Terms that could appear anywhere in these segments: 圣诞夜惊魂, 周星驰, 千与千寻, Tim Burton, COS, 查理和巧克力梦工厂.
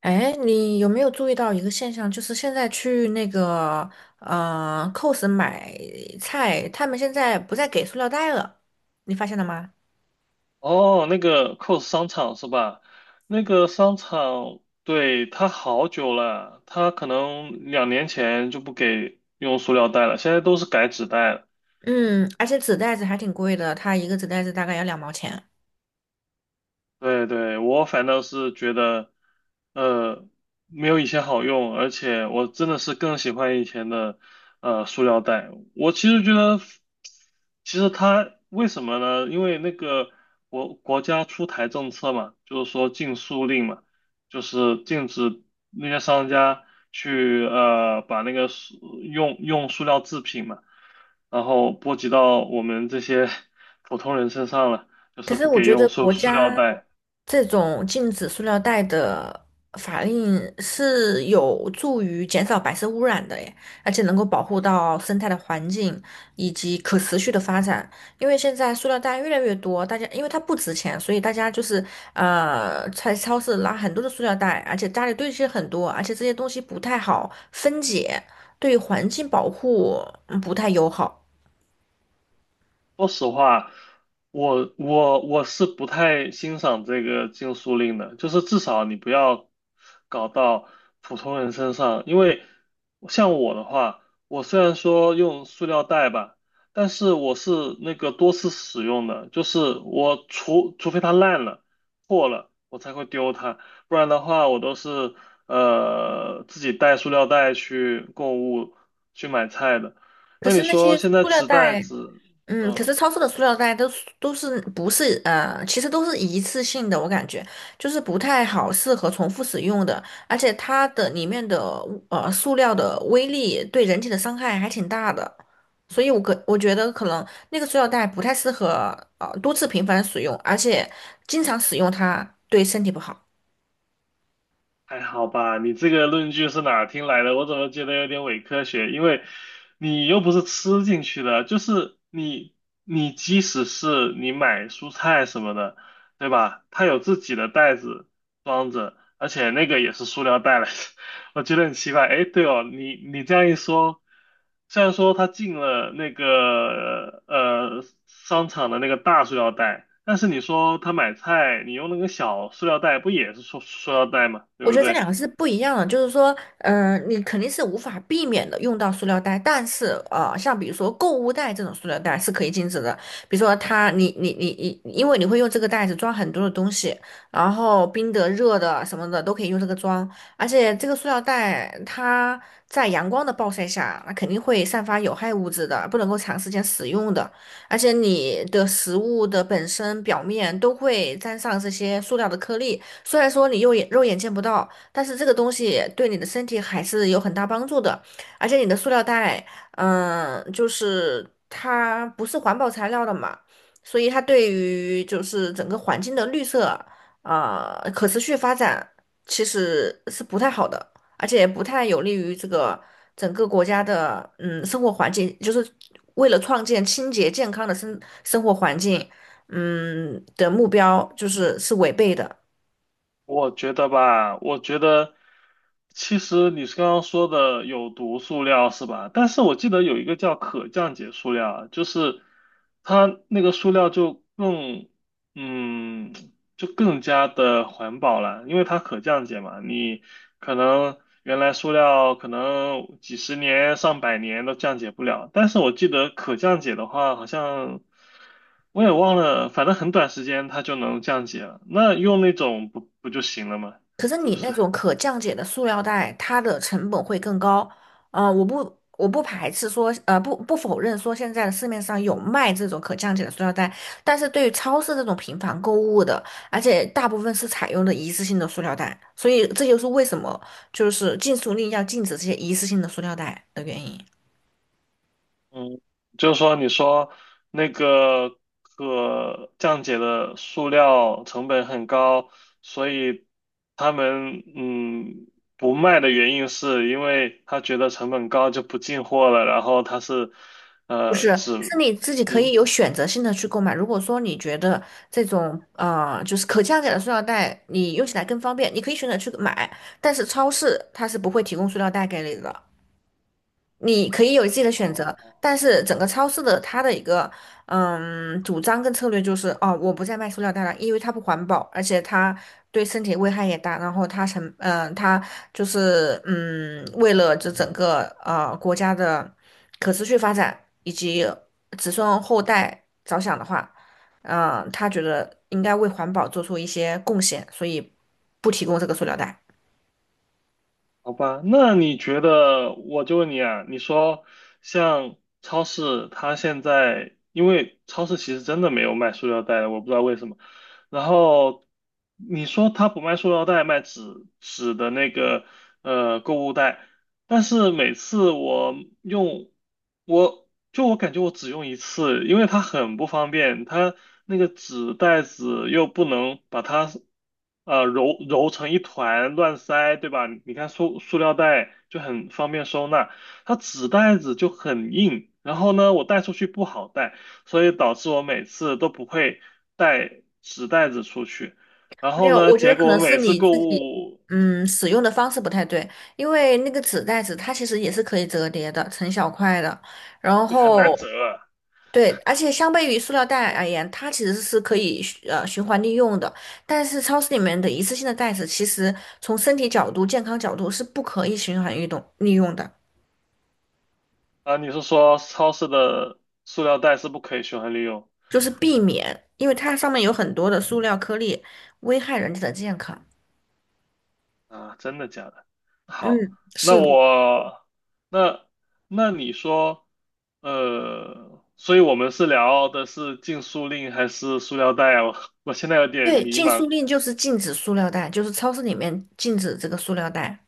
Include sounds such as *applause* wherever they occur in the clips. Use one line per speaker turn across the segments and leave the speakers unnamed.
哎，你有没有注意到一个现象？就是现在去那个COS 买菜，他们现在不再给塑料袋了，你发现了吗？
哦，那个 COS 商场是吧？那个商场，对，它好久了，它可能两年前就不给用塑料袋了，现在都是改纸袋了。
嗯，而且纸袋子还挺贵的，它一个纸袋子大概要两毛钱。
对对，我反倒是觉得，呃，没有以前好用，而且我真的是更喜欢以前的，塑料袋。我其实觉得，其实它为什么呢？因为那个国家出台政策嘛，就是说禁塑令嘛，就是禁止那些商家去呃把那个塑用塑料制品嘛，然后波及到我们这些 *laughs* 普通人身上了，就
可
是
是
不
我
给
觉
用
得
塑
国
塑料
家
袋。
这种禁止塑料袋的法令是有助于减少白色污染的耶，而且能够保护到生态的环境以及可持续的发展。因为现在塑料袋越来越多，大家因为它不值钱，所以大家就是在超市拿很多的塑料袋，而且家里堆积很多，而且这些东西不太好分解，对环境保护嗯不太友好。
说实话，我是不太欣赏这个禁塑令的，就是至少你不要搞到普通人身上，因为像我的话，我虽然说用塑料袋吧，但是我是那个多次使用的，就是我除非它烂了、破了，我才会丢它，不然的话我都是自己带塑料袋去购物、去买菜的。
可
那你
是那
说
些
现在
塑料
纸袋
袋。
子，
嗯，可
嗯。
是超市的塑料袋都是不是，其实都是一次性的，我感觉就是不太好适合重复使用的，而且它的里面的塑料的威力对人体的伤害还挺大的，所以我觉得可能那个塑料袋不太适合多次频繁使用，而且经常使用它对身体不好。
还好吧，你这个论据是哪儿听来的？我怎么觉得有点伪科学？因为你又不是吃进去的，就是你，你即使是你买蔬菜什么的，对吧？它有自己的袋子装着，而且那个也是塑料袋来着。我觉得很奇怪。哎，对哦，你这样一说，虽然说他进了那个商场的那个大塑料袋，但是你说他买菜，你用那个小塑料袋，不也是塑料袋吗？对
我
不
觉得这
对？
两个是不一样的，就是说，嗯、你肯定是无法避免的用到塑料袋，但是，像比如说购物袋这种塑料袋是可以禁止的，比如说它，你，因为你会用这个袋子装很多的东西，然后冰的、热的什么的都可以用这个装，而且这个塑料袋它在阳光的暴晒下，那肯定会散发有害物质的，不能够长时间使用的，而且你的食物的本身表面都会沾上这些塑料的颗粒。虽然说你肉眼见不到，但是这个东西对你的身体还是有很大帮助的。而且你的塑料袋，嗯，就是它不是环保材料的嘛，所以它对于就是整个环境的绿色啊，可持续发展其实是不太好的，而且也不太有利于这个整个国家的嗯生活环境，就是为了创建清洁健康的生活环境，嗯的目标，就是是违背的。
我觉得吧，我觉得其实你是刚刚说的有毒塑料是吧？但是我记得有一个叫可降解塑料啊就是它那个塑料就更，嗯，就更加的环保了，因为它可降解嘛。你可能原来塑料可能几十年、上百年都降解不了，但是我记得可降解的话，好像我也忘了，反正很短时间它就能降解了。那用那种不就行了吗？
可是
是不
你那
是？
种可降解的塑料袋，它的成本会更高。啊，我不排斥说，不否认说现在的市面上有卖这种可降解的塑料袋，但是对于超市这种频繁购物的，而且大部分是采用的一次性的塑料袋，所以这就是为什么就是禁塑令要禁止这些一次性的塑料袋的原因。
嗯，就是说，你说那个可降解的塑料成本很高，所以他们不卖的原因是因为他觉得成本高就不进货了，然后他是
不是，
呃只
是你自己可以
嗯。
有选择性的去购买。如果说你觉得这种就是可降解的塑料袋，你用起来更方便，你可以选择去买。但是超市它是不会提供塑料袋给你的。你可以有自己的选择，
哦。
但是整个超市的它的一个嗯主张跟策略就是，哦，我不再卖塑料袋了，因为它不环保，而且它对身体危害也大。然后它就是嗯，为了这整个国家的可持续发展以及子孙后代着想的话，嗯、他觉得应该为环保做出一些贡献，所以不提供这个塑料袋。
好吧，那你觉得，我就问你啊，你说像超市，它现在因为超市其实真的没有卖塑料袋的，我不知道为什么。然后你说它不卖塑料袋，卖纸的那个购物袋，但是每次我用，我就我感觉我只用一次，因为它很不方便，它那个纸袋子又不能把它揉成一团乱塞，对吧？你看塑料袋就很方便收纳，它纸袋子就很硬，然后呢，我带出去不好带，所以导致我每次都不会带纸袋子出去，然
没
后
有，
呢，
我觉得
结
可
果
能
我
是
每次
你
购
自己，
物
嗯，使用的方式不太对，因为那个纸袋子它其实也是可以折叠的，成小块的。然
很难
后，
折。
对，而且相对于塑料袋而言，它其实是可以循环利用的。但是超市里面的一次性的袋子，其实从身体角度、健康角度是不可以循环运动利用的，
啊，你是说超市的塑料袋是不可以循环利用
就是避免，因为它上面有很多的塑料颗粒，危害人体的健康。
啊？真的假的？好，
嗯，
那
是
嗯
的。
我那那你说，呃，所以我们是聊的是禁塑令还是塑料袋啊？*laughs* 我现在有点
对，
迷
禁塑
茫。
令就是禁止塑料袋，就是超市里面禁止这个塑料袋。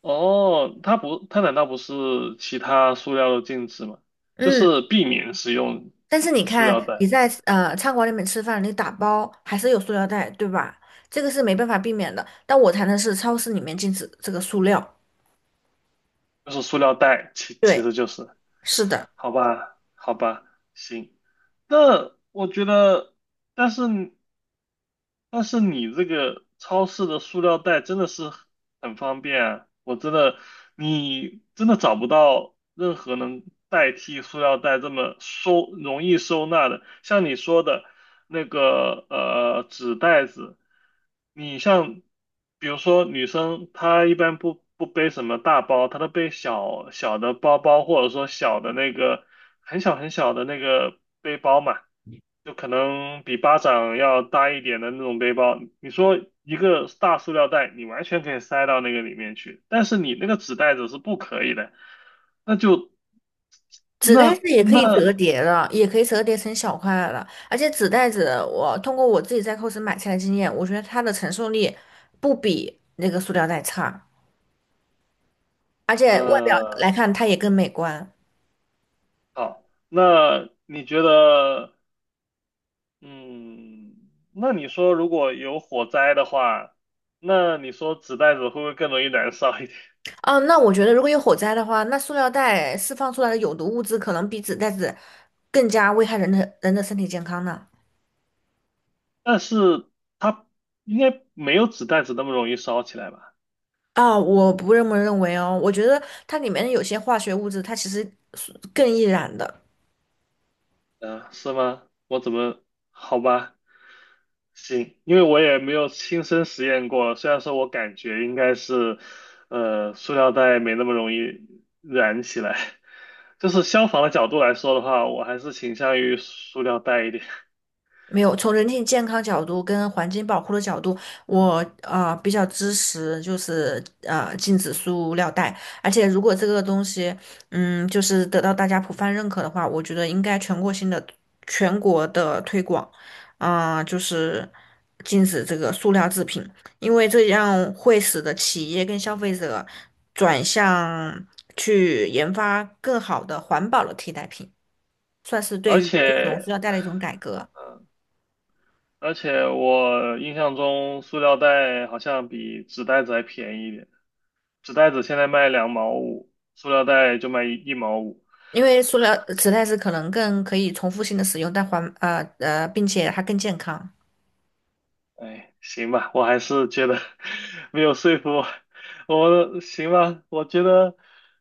哦，它不，它难道不是其他塑料的禁止吗？就
嗯，
是避免使用
但是你
塑
看
料
你
袋，
在餐馆里面吃饭，你打包还是有塑料袋，对吧？这个是没办法避免的。但我谈的是超市里面禁止这个塑料。
就是塑料袋，其其
对，
实就是。
是的，
好吧，好吧，行。那我觉得，但是但是你这个超市的塑料袋真的是很方便啊，我真的，你真的找不到任何能代替塑料袋这么收，容易收纳的。像你说的，那个纸袋子。你像，比如说女生，她一般不背什么大包，她都背小小的包包，或者说小的那个很小很小的那个背包嘛，就可能比巴掌要大一点的那种背包。你说一个大塑料袋，你完全可以塞到那个里面去，但是你那个纸袋子是不可以的，那就
纸袋
那
子也可以
那
折叠的，也可以折叠成小块了。而且纸袋子，我通过我自己在 c o 买菜的经验，我觉得它的承受力不比那个塑料袋差，而且外表
呃。
来看它也更美观。
好，那你觉得，嗯，那你说如果有火灾的话，那你说纸袋子会不会更容易燃烧一点？*laughs*
啊，那我觉得如果有火灾的话，那塑料袋释放出来的有毒物质可能比纸袋子更加危害人的身体健康呢。
但是它应该没有纸袋子那么容易烧起来吧？
啊，我不这么认为哦，我觉得它里面的有些化学物质，它其实是更易燃的。
啊，是吗？我怎么，好吧，行，因为我也没有亲身实验过，虽然说我感觉应该是，塑料袋没那么容易燃起来。就是消防的角度来说的话，我还是倾向于塑料袋一点，
没有，从人体健康角度跟环境保护的角度，我比较支持，就是禁止塑料袋。而且如果这个东西，嗯，就是得到大家普泛认可的话，我觉得应该全国性的、全国的推广，啊、就是禁止这个塑料制品，因为这样会使得企业跟消费者转向去研发更好的环保的替代品，算是
而
对于这种
且
塑料袋的一种改革。
而且我印象中塑料袋好像比纸袋子还便宜一点，纸袋子现在卖两毛五，塑料袋就卖一毛五。
因为塑料纸袋子可能更可以重复性的使用，并且它更健康。
哎，行吧，我还是觉得 *laughs* 没有说服我，我行吧，我觉得，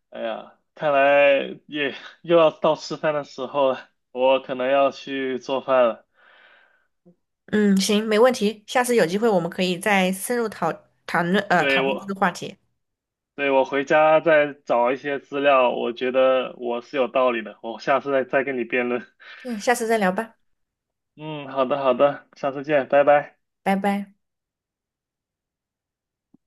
哎呀，看来也又要到吃饭的时候了，我可能要去做饭了。
嗯，行，没问题。下次有机会我们可以再深入
对，
讨论这
我，
个话题。
对，我回家再找一些资料，我觉得我是有道理的，我下次再跟你辩论。*laughs*
嗯，下次再聊吧，
嗯，好的好的，下次见，拜拜。
拜拜。